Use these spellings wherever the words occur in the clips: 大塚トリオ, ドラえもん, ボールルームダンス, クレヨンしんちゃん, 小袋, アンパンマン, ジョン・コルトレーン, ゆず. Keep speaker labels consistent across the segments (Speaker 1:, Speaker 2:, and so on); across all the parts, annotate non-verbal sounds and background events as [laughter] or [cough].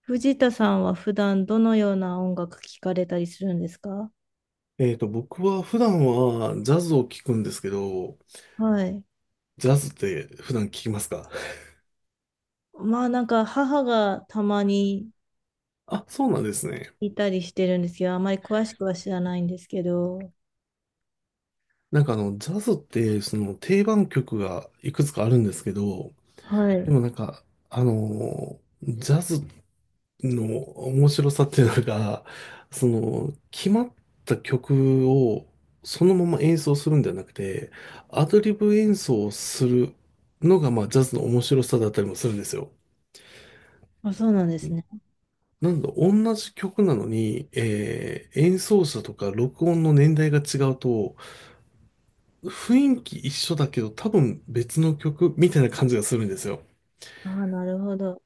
Speaker 1: 藤田さんは普段どのような音楽聴かれたりするんですか？
Speaker 2: 僕は普段はジャズを聴くんですけど、
Speaker 1: はい。
Speaker 2: ジャズって普段聴きますか？
Speaker 1: まあなんか母がたまに
Speaker 2: [laughs] あ、そうなんですね。
Speaker 1: いたりしてるんですけど、あまり詳しくは知らないんですけど。
Speaker 2: ジャズってその定番曲がいくつかあるんですけど、
Speaker 1: は
Speaker 2: で
Speaker 1: い。
Speaker 2: もなんか、ジャズの面白さっていうのが、その、決まった曲をそのまま演奏するんじゃなくて、アドリブ演奏をするのが、まあ、ジャズの面白さだったりもするんですよ。
Speaker 1: あ、そうなんですね。
Speaker 2: なんだ、同じ曲なのに、演奏者とか録音の年代が違うと、雰囲気一緒だけど多分別の曲みたいな感じがするんですよ。
Speaker 1: ああ、なるほど。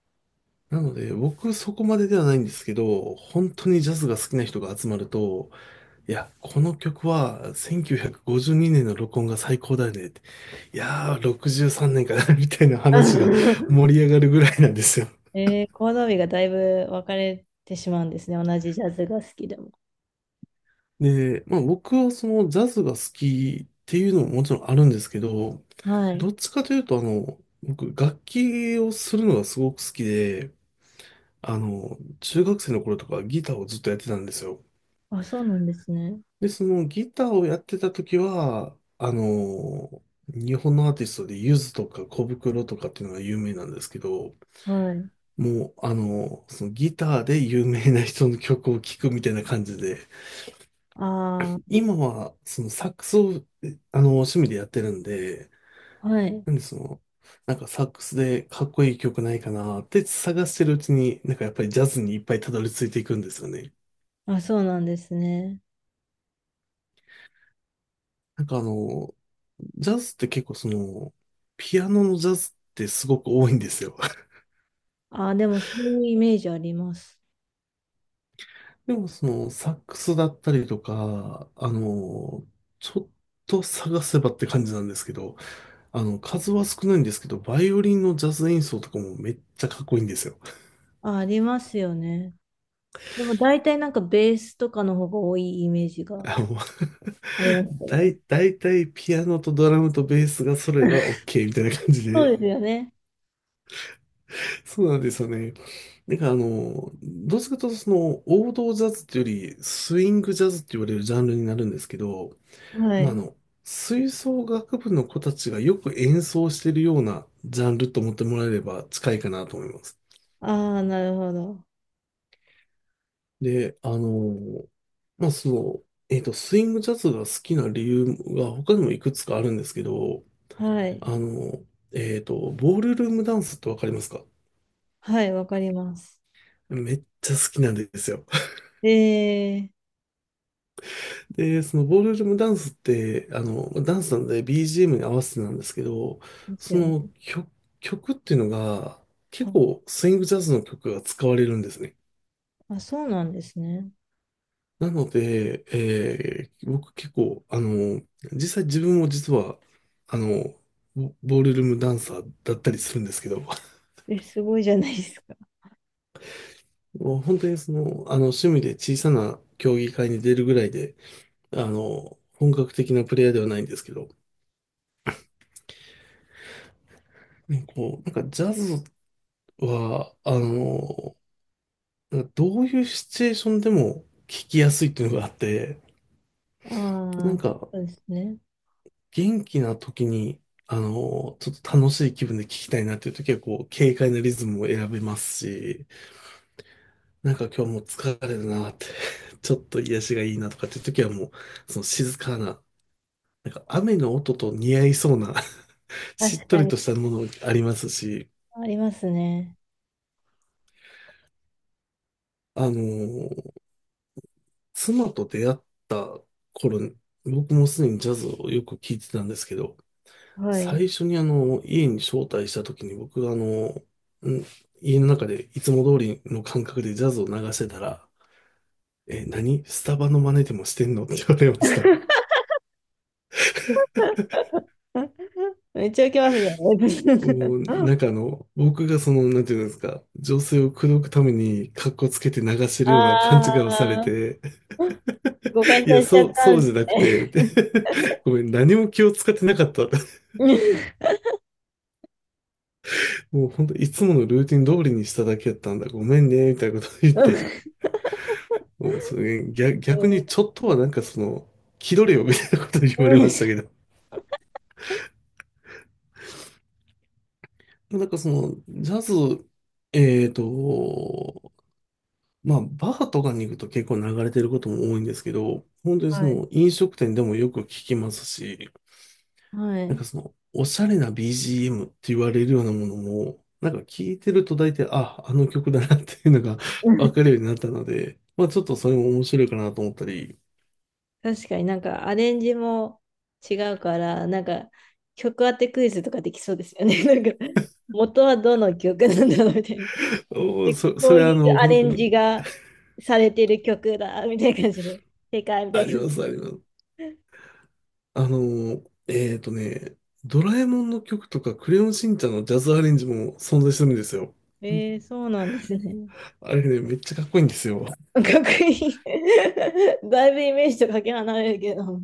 Speaker 2: なので、僕そこまでではないんですけど、本当にジャズが好きな人が集まると、いや、この曲は1952年の録音が最高だよねって。いやー、63年かな、 [laughs] みたいな話が
Speaker 1: [laughs]
Speaker 2: 盛り上がるぐらいなんですよ。
Speaker 1: えー、コードがだいぶ分かれてしまうんですね。同じジャズが好きでも。
Speaker 2: で、まあ僕はそのジャズが好きっていうのももちろんあるんですけど、
Speaker 1: は
Speaker 2: ど
Speaker 1: い。
Speaker 2: っちかというとあの、僕楽器をするのがすごく好きで、あの、中学生の頃とかギターをずっとやってたんですよ。
Speaker 1: あ、そうなんですね。
Speaker 2: で、そのギターをやってた時は、あの、日本のアーティストでゆずとか小袋とかっていうのが有名なんですけど、
Speaker 1: はい。
Speaker 2: もうあの、そのギターで有名な人の曲を聴くみたいな感じで、
Speaker 1: あ
Speaker 2: 今は、そのサックスを、えあの、趣味でやってるんで、
Speaker 1: あ、はい。
Speaker 2: なんでその、なんかサックスでかっこいい曲ないかなって探してるうちに、なんかやっぱりジャズにいっぱいたどり着いていくんですよね。
Speaker 1: あ、そうなんですね。
Speaker 2: なんかあの、ジャズって結構その、ピアノのジャズってすごく多いんですよ。[laughs]
Speaker 1: ああ、でもそういうイメージあります。
Speaker 2: でもその、サックスだったりとか、あの、ちょっと探せばって感じなんですけど、あの、数は少ないんですけど、バイオリンのジャズ演奏とかもめっちゃかっこいいんですよ。
Speaker 1: あ、ありますよね。でも大体なんかベースとかの方が多いイメージが
Speaker 2: あの、
Speaker 1: あります
Speaker 2: [laughs]
Speaker 1: よね。
Speaker 2: だいたいピアノとドラムとベースが揃えば OK みたいな感じ
Speaker 1: そう
Speaker 2: で。
Speaker 1: ですよね。
Speaker 2: [laughs] そうなんですよね。なんかあの、どっちかというとその王道ジャズっていうよりスイングジャズって言われるジャンルになるんですけど、
Speaker 1: は
Speaker 2: まああ
Speaker 1: い。
Speaker 2: の、吹奏楽部の子たちがよく演奏してるようなジャンルと思ってもらえれば近いかなと思います。
Speaker 1: ああ、なるほど。
Speaker 2: で、あの、まあその、スイングジャズが好きな理由が他にもいくつかあるんですけど、
Speaker 1: はい。
Speaker 2: あの、ボールルームダンスってわかりますか？
Speaker 1: はい、わかります。
Speaker 2: めっちゃ好きなんですよ。[laughs]
Speaker 1: ええ、
Speaker 2: で、そのボールルームダンスって、あの、ダンスなので BGM に合わせてなんですけど、
Speaker 1: です
Speaker 2: そ
Speaker 1: よね。
Speaker 2: の曲、曲っていうのが結
Speaker 1: あ、
Speaker 2: 構スイングジャズの曲が使われるんですね。
Speaker 1: あ、そうなんですね。
Speaker 2: なので、僕結構、あの、実際自分も実は、あの、ボールルームダンサーだったりするんですけど、[laughs]
Speaker 1: え、すごいじゃないですか。
Speaker 2: もう本当にその、あの、趣味で小さな競技会に出るぐらいで、あの、本格的なプレイヤーではないんですけど、ねこう、なんかジャズは、あの、なんかどういうシチュエーションでも聞きやすいっていうのがあって、な
Speaker 1: あ
Speaker 2: ん
Speaker 1: あ、
Speaker 2: か
Speaker 1: そうですね。
Speaker 2: 元気な時に、あの、ちょっと楽しい気分で聞きたいなっていう時は、こう、軽快なリズムを選べますし、なんか今日もう疲れるなって [laughs] ちょっと癒しがいいなとかっていう時はもう、その静かな、なんか雨の音と似合いそうな [laughs] しっ
Speaker 1: 確
Speaker 2: と
Speaker 1: か
Speaker 2: り
Speaker 1: に。
Speaker 2: としたものありますし、
Speaker 1: ありますね。
Speaker 2: あの、妻と出会った頃、僕もすでにジャズをよく聴いてたんですけど、
Speaker 1: はい。
Speaker 2: 最初にあの、家に招待した時に僕があの、ん家の中でいつも通りの感覚でジャズを流してたら、え、何スタバの真似でもしてんのって言われました。
Speaker 1: [laughs] めっちゃ受けますね。
Speaker 2: もう、なんかあの、僕がその、なんていうんですか、女性を口説くために格好つけて流して
Speaker 1: [laughs] あ
Speaker 2: るような勘違いをされ
Speaker 1: あ、
Speaker 2: て、
Speaker 1: 誤解
Speaker 2: い
Speaker 1: さ
Speaker 2: や、
Speaker 1: れちゃった
Speaker 2: そう
Speaker 1: んで
Speaker 2: じゃなくて、で
Speaker 1: す
Speaker 2: [laughs] ごめん、何も気を使ってなかった。
Speaker 1: ね。
Speaker 2: もう本当いつものルーティン通りにしただけやったんだ。ごめんね、みたいなこと言って。
Speaker 1: [laughs]
Speaker 2: もうそれ逆、逆にちょっとはなんかその、気取れよ、みたいなこと言われましたけど。なんかその、ジャズ、えーと、まあ、バーとかに行くと結構流れてることも多いんですけど、本当にそ
Speaker 1: はい。
Speaker 2: の飲食店でもよく聞きますし、
Speaker 1: はい。
Speaker 2: なんかそ
Speaker 1: う
Speaker 2: の、おしゃれな BGM って言われるようなものも、なんか聞いてると大体、あ、あの曲だなっていうのが
Speaker 1: ん。
Speaker 2: [laughs] わ
Speaker 1: [laughs]
Speaker 2: かるようになったので、まあちょっとそれも面白いかなと思ったり、
Speaker 1: 確かになんかアレンジも違うから、なんか曲当てクイズとかできそうですよね。[laughs] なんか元はどの曲なんだろうみたいな。[laughs]
Speaker 2: おー
Speaker 1: で、
Speaker 2: そ、
Speaker 1: こ
Speaker 2: そ
Speaker 1: う
Speaker 2: れ
Speaker 1: い
Speaker 2: あ
Speaker 1: う
Speaker 2: の、
Speaker 1: ア
Speaker 2: 本
Speaker 1: レ
Speaker 2: 当
Speaker 1: ン
Speaker 2: に、
Speaker 1: ジがされてる曲だみたいな感じで、[laughs] 正解みた
Speaker 2: あ
Speaker 1: いな
Speaker 2: り
Speaker 1: 感
Speaker 2: ま
Speaker 1: じ
Speaker 2: す、あります。あの、えっとね、ドラえもんの曲とか、クレヨンしんちゃんのジャズアレンジも存在するんですよ。
Speaker 1: で。えー、そうなんですね。
Speaker 2: あれね、めっちゃかっこいいんですよ。
Speaker 1: [laughs] かっこいい。[laughs] だいぶイメージとかけ離れるけど。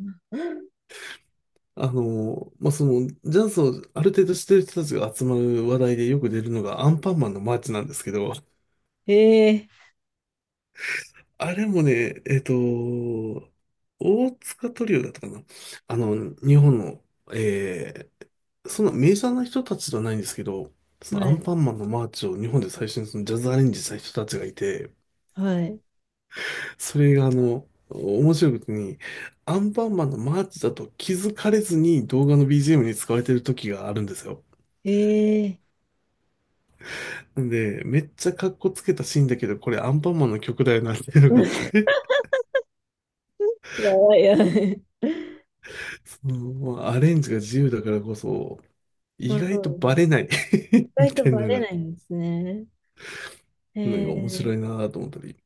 Speaker 2: あの、まあ、その、ジャズをある程度知ってる人たちが集まる話題でよく出るのがアンパンマンのマーチなんですけど、
Speaker 1: え
Speaker 2: あれもね、大塚トリオだったかな。あの、日本の、えそんなメジャーな人たちではないんですけど、
Speaker 1: ー、
Speaker 2: そのア
Speaker 1: は
Speaker 2: ン
Speaker 1: い、
Speaker 2: パンマンのマーチを日本で最初にそのジャズアレンジした人たちがいて、
Speaker 1: はい。
Speaker 2: それがあの、面白いことに、アンパンマンのマーチだと気づかれずに動画の BGM に使われてる時があるんですよ。
Speaker 1: え
Speaker 2: なんで、めっちゃかっこつけたシーンだけど、これアンパンマンの曲だよなっていうのがあっ
Speaker 1: ー、[laughs]
Speaker 2: て、
Speaker 1: やばいやばい。
Speaker 2: [laughs] その、まあ、アレンジが自由だからこそ、
Speaker 1: ま
Speaker 2: 意
Speaker 1: あそ
Speaker 2: 外と
Speaker 1: うです
Speaker 2: バ
Speaker 1: ね。
Speaker 2: レない
Speaker 1: 意
Speaker 2: [laughs] み
Speaker 1: 外と
Speaker 2: たいな
Speaker 1: バ
Speaker 2: のが
Speaker 1: レ
Speaker 2: あっ
Speaker 1: ない
Speaker 2: て、
Speaker 1: んですね。え
Speaker 2: なんか面白
Speaker 1: ー、
Speaker 2: いなと思ったり。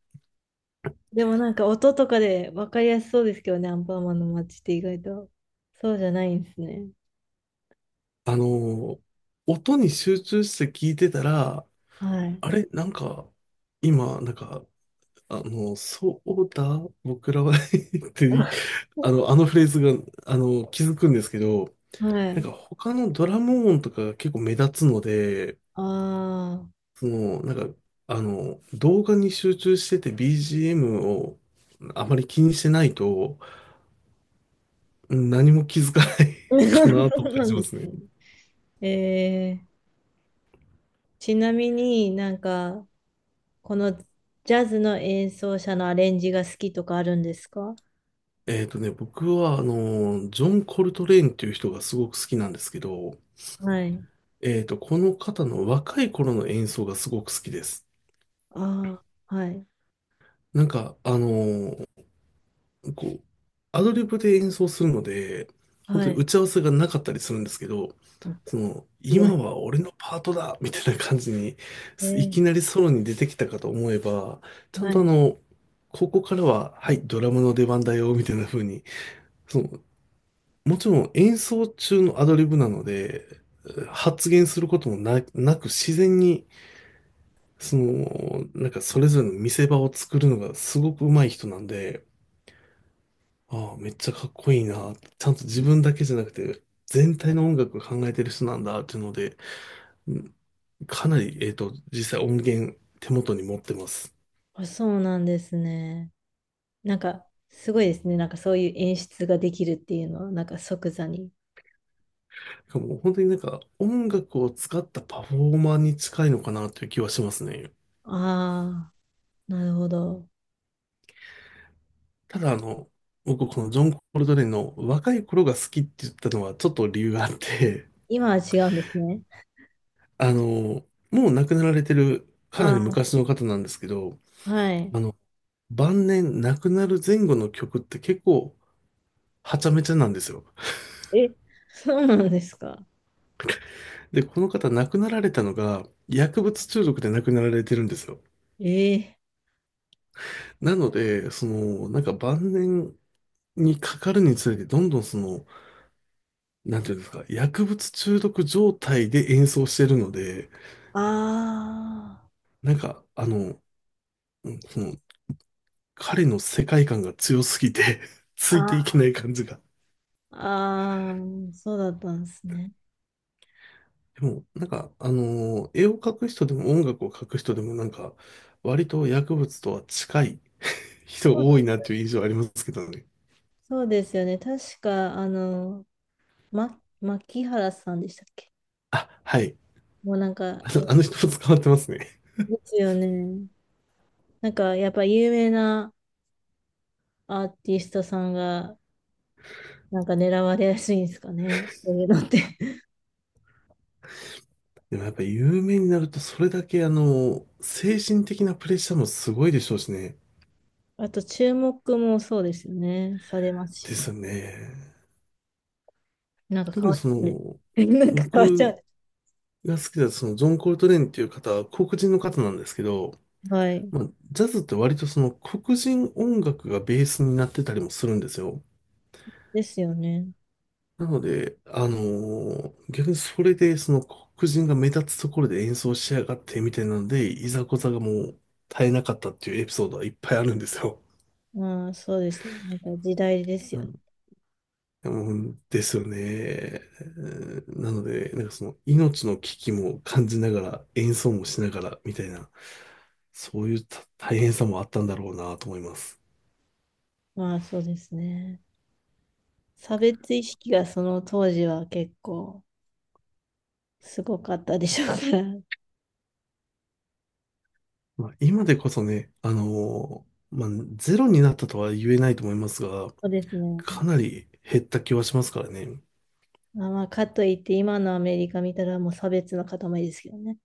Speaker 1: でもなんか音とかで分かりやすそうですけどね、アンパンマンの街って意外と。そうじゃないんですね。
Speaker 2: あのー音に集中して聞いてたら、
Speaker 1: はい。
Speaker 2: あれなんか、今、なんか、あの、そうだ、僕らは [laughs] って、
Speaker 1: [laughs]
Speaker 2: あの、あのフレーズが、あの、気づくんですけど、
Speaker 1: は
Speaker 2: なん
Speaker 1: い。
Speaker 2: か他のドラム音とかが結構目立つので、
Speaker 1: ああ。
Speaker 2: その、動画に集中してて BGM をあまり気にしてないと、うん、何も気づかない
Speaker 1: [laughs] そ
Speaker 2: [laughs] かなと
Speaker 1: う
Speaker 2: 感
Speaker 1: な
Speaker 2: じ
Speaker 1: ん
Speaker 2: ま
Speaker 1: で
Speaker 2: すね。
Speaker 1: すね。えー、ちなみになんか、このジャズの演奏者のアレンジが好きとかあるんですか？
Speaker 2: 僕は、あの、ジョン・コルトレーンっていう人がすごく好きなんですけど、
Speaker 1: はい。
Speaker 2: えっと、この方の若い頃の演奏がすごく好きです。
Speaker 1: ああ、はい。
Speaker 2: なんか、あの、こう、アドリブで演奏するので、本当
Speaker 1: は
Speaker 2: に打
Speaker 1: い。
Speaker 2: ち合わせがなかったりするんですけど、
Speaker 1: あ、
Speaker 2: その、
Speaker 1: すご
Speaker 2: 今
Speaker 1: い。
Speaker 2: は俺のパートだみたいな感じに、
Speaker 1: え
Speaker 2: い
Speaker 1: ー、
Speaker 2: きなりソロに出てきたかと思えば、ちゃ
Speaker 1: は
Speaker 2: んとあ
Speaker 1: い。
Speaker 2: の、ここからは、はい、ドラムの出番だよ、みたいな風に、そのもちろん演奏中のアドリブなので、発言することもなく自然に、その、なんかそれぞれの見せ場を作るのがすごく上手い人なんで、ああ、めっちゃかっこいいな。ちゃんと自分だけじゃなくて、全体の音楽を考えてる人なんだっていうので、うん、かなり、えっと、実際音源手元に持ってます。
Speaker 1: あ、そうなんですね。なんか、すごいですね。なんかそういう演出ができるっていうのは、なんか即座に。
Speaker 2: もう本当になんか音楽を使ったパフォーマーに近いのかなという気はしますね。
Speaker 1: ああ、なるほど。
Speaker 2: ただ僕このジョン・コルトレーンの若い頃が好きって言ったのはちょっと理由があって、
Speaker 1: 今は違うんですね。
Speaker 2: [laughs] もう亡くなられてるかなり
Speaker 1: あ
Speaker 2: 昔の方なんですけど、
Speaker 1: あ、はい。
Speaker 2: あの、晩年亡くなる前後の曲って結構はちゃめちゃなんですよ。
Speaker 1: え、そうなんですか？
Speaker 2: で、この方亡くなられたのが薬物中毒で亡くなられてるんですよ。
Speaker 1: ええ、
Speaker 2: なので、なんか晩年にかかるにつれてどんどんなんていうんですか、薬物中毒状態で演奏してるので、
Speaker 1: あ
Speaker 2: なんか、うんその、彼の世界観が強すぎて [laughs] つ
Speaker 1: あ、
Speaker 2: いていけ
Speaker 1: あ
Speaker 2: ない感じが。
Speaker 1: あ、あーそうだったんですね。
Speaker 2: でも、なんか、絵を描く人でも音楽を描く人でも、なんか、割と薬物とは近い
Speaker 1: そう
Speaker 2: 人
Speaker 1: だ、
Speaker 2: 多いなっていう印象ありますけどね。
Speaker 1: そうですよね。確か、あの、ま、牧原さんでしたっけ？
Speaker 2: あ、はい。
Speaker 1: もうなんか、
Speaker 2: あ
Speaker 1: え、
Speaker 2: の、あの人も捕まってますね。
Speaker 1: ですよね。なんか、やっぱ有名なアーティストさんがなんか狙われやすいんですかね。そういうのって。 [laughs]
Speaker 2: でもやっぱ有名になると、それだけ、あの精神的なプレッシャーもすごいでしょうしね。
Speaker 1: あと、注目もそうですよね。されます
Speaker 2: で
Speaker 1: し。
Speaker 2: すよね。
Speaker 1: なんか
Speaker 2: 特
Speaker 1: 変
Speaker 2: に
Speaker 1: わっちゃうんです。 [laughs] なんか変わっち
Speaker 2: 僕
Speaker 1: ゃうんで
Speaker 2: が好きだ、その、ジョン・コルトレーンっていう方は黒人の方なんですけど、
Speaker 1: す。はい。
Speaker 2: まあ、ジャズって割とその黒人音楽がベースになってたりもするんですよ。
Speaker 1: ですよね。
Speaker 2: なので、逆にそれでその黒人が目立つところで演奏しやがってみたいなので、いざこざがもう絶えなかったっていうエピソードはいっぱいあるんですよ。
Speaker 1: まあ、そうです。なんか時代です
Speaker 2: う
Speaker 1: よね。
Speaker 2: ん、うんですよね。うん、なので、なんかその命の危機も感じながら演奏もしながらみたいな、そういうた大変さもあったんだろうなと思います。
Speaker 1: まあ、そうですね。差別意識がその当時は結構すごかったでしょうから。[laughs]
Speaker 2: まあ、今でこそね、まあ、ゼロになったとは言えないと思いますが、
Speaker 1: そうですね。
Speaker 2: かなり減った気はしますからね。
Speaker 1: まあ、まあ、かといって今のアメリカ見たらもう差別の塊ですけどね。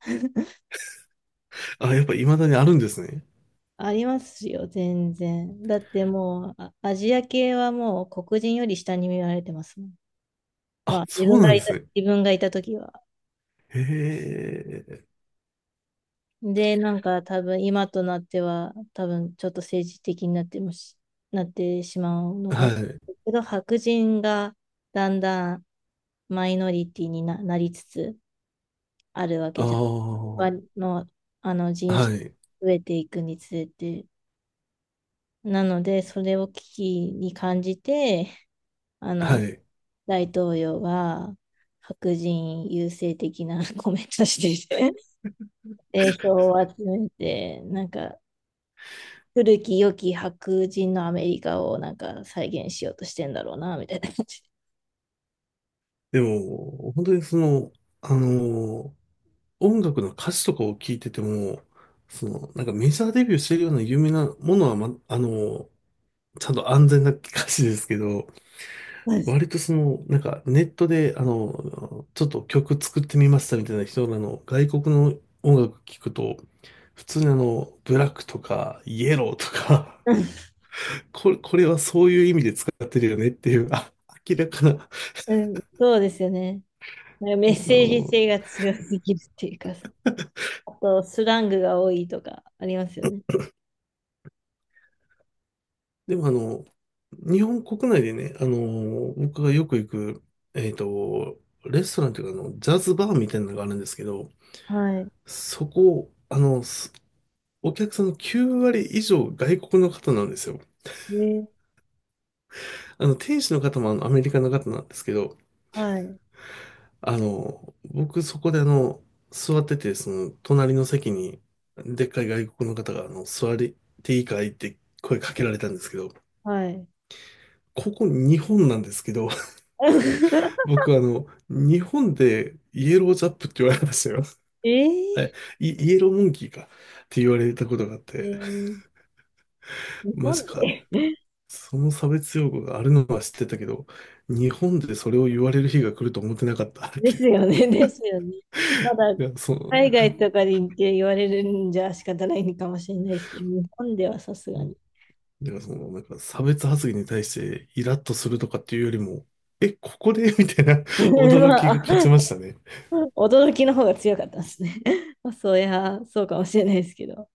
Speaker 2: あ、やっぱ未だにあるんですね。
Speaker 1: ありますよ、全然。だってもう、あ、アジア系はもう黒人より下に見られてますもん。ま
Speaker 2: あ、
Speaker 1: あ、自
Speaker 2: そう
Speaker 1: 分
Speaker 2: な
Speaker 1: が
Speaker 2: ん
Speaker 1: い
Speaker 2: で
Speaker 1: た、
Speaker 2: すね。
Speaker 1: 自分がいた時は。
Speaker 2: へえ、
Speaker 1: で、なんか多分今となっては、多分ちょっと政治的になってもし、なってしまうのか
Speaker 2: は
Speaker 1: も。
Speaker 2: い。
Speaker 1: けど、白人がだんだんマイノリティにな、なりつつあるわ
Speaker 2: あ
Speaker 1: け
Speaker 2: あ、
Speaker 1: じゃん。
Speaker 2: は
Speaker 1: わの、あの人種
Speaker 2: い、
Speaker 1: が増えていくにつれて。なので、それを危機に感じて、あ
Speaker 2: は
Speaker 1: の、
Speaker 2: い。
Speaker 1: 大統領が白人優勢的な [laughs] コメントしてて、票を集めて、なんか、古き良き白人のアメリカをなんか再現しようとしてんだろうな、みたいな感じ。
Speaker 2: でも、本当にあの音楽の歌詞とかを聞いてても、その、なんかメジャーデビューしてるような有名なものは、ま、あのちゃんと安全な歌詞ですけど、割とその、なんかネットで、あの、ちょっと曲作ってみましたみたいな人らの外国の音楽聞くと、普通にあの、ブラックとか、イエローとか、
Speaker 1: [laughs]
Speaker 2: [laughs] これはそういう意味で使ってるよねっていう、あ、明らかな、
Speaker 1: うん、そうですよね。なんかメッ
Speaker 2: あ
Speaker 1: セージ
Speaker 2: の、
Speaker 1: 性が強すぎるっていうか、あとスラングが多いとかありますよね。
Speaker 2: でもあの、日本国内でね、あの、僕がよく行く、えっと、レストランというか、あの、ジャズバーみたいなのがあるんですけど、
Speaker 1: はい。
Speaker 2: そこ、あの、お客さんの9割以上外国の方なんですよ。
Speaker 1: ね、
Speaker 2: あの、店主の方もあのアメリカの方なんですけど、
Speaker 1: はい。
Speaker 2: あの、僕そこであの、座ってて、その、隣の席に、でっかい外国の方が、あの、座りていいかいって声かけられたんですけど、
Speaker 1: はい。
Speaker 2: ここ日本なんですけど、[laughs]
Speaker 1: [laughs]
Speaker 2: 僕あの、日本でイエロージャップって言われましたよ。
Speaker 1: え
Speaker 2: [laughs] はい、
Speaker 1: ー、
Speaker 2: イエローモンキーかって言われたことがあっ
Speaker 1: え
Speaker 2: て、
Speaker 1: ー、日
Speaker 2: マジ
Speaker 1: 本
Speaker 2: か。
Speaker 1: で、
Speaker 2: その差別用語があるのは知ってたけど、日本でそれを言われる日が来ると思ってなかったっ
Speaker 1: で
Speaker 2: て。
Speaker 1: すよ
Speaker 2: [laughs]
Speaker 1: ね。[laughs] ですよね。まだ
Speaker 2: いや、そう。
Speaker 1: 海外とかで行って言われるんじゃ仕方ないのかもしれないですけど、日本ではさすがに。
Speaker 2: だからその、なんか差別発言に対してイラッとするとかっていうよりも、え、ここで [laughs] みたいな
Speaker 1: [laughs]
Speaker 2: 驚き
Speaker 1: ま
Speaker 2: が
Speaker 1: あ、
Speaker 2: 勝ちましたね。
Speaker 1: [laughs] 驚きの方が強かったですね。[laughs] まあ、そういや、そうかもしれないですけど。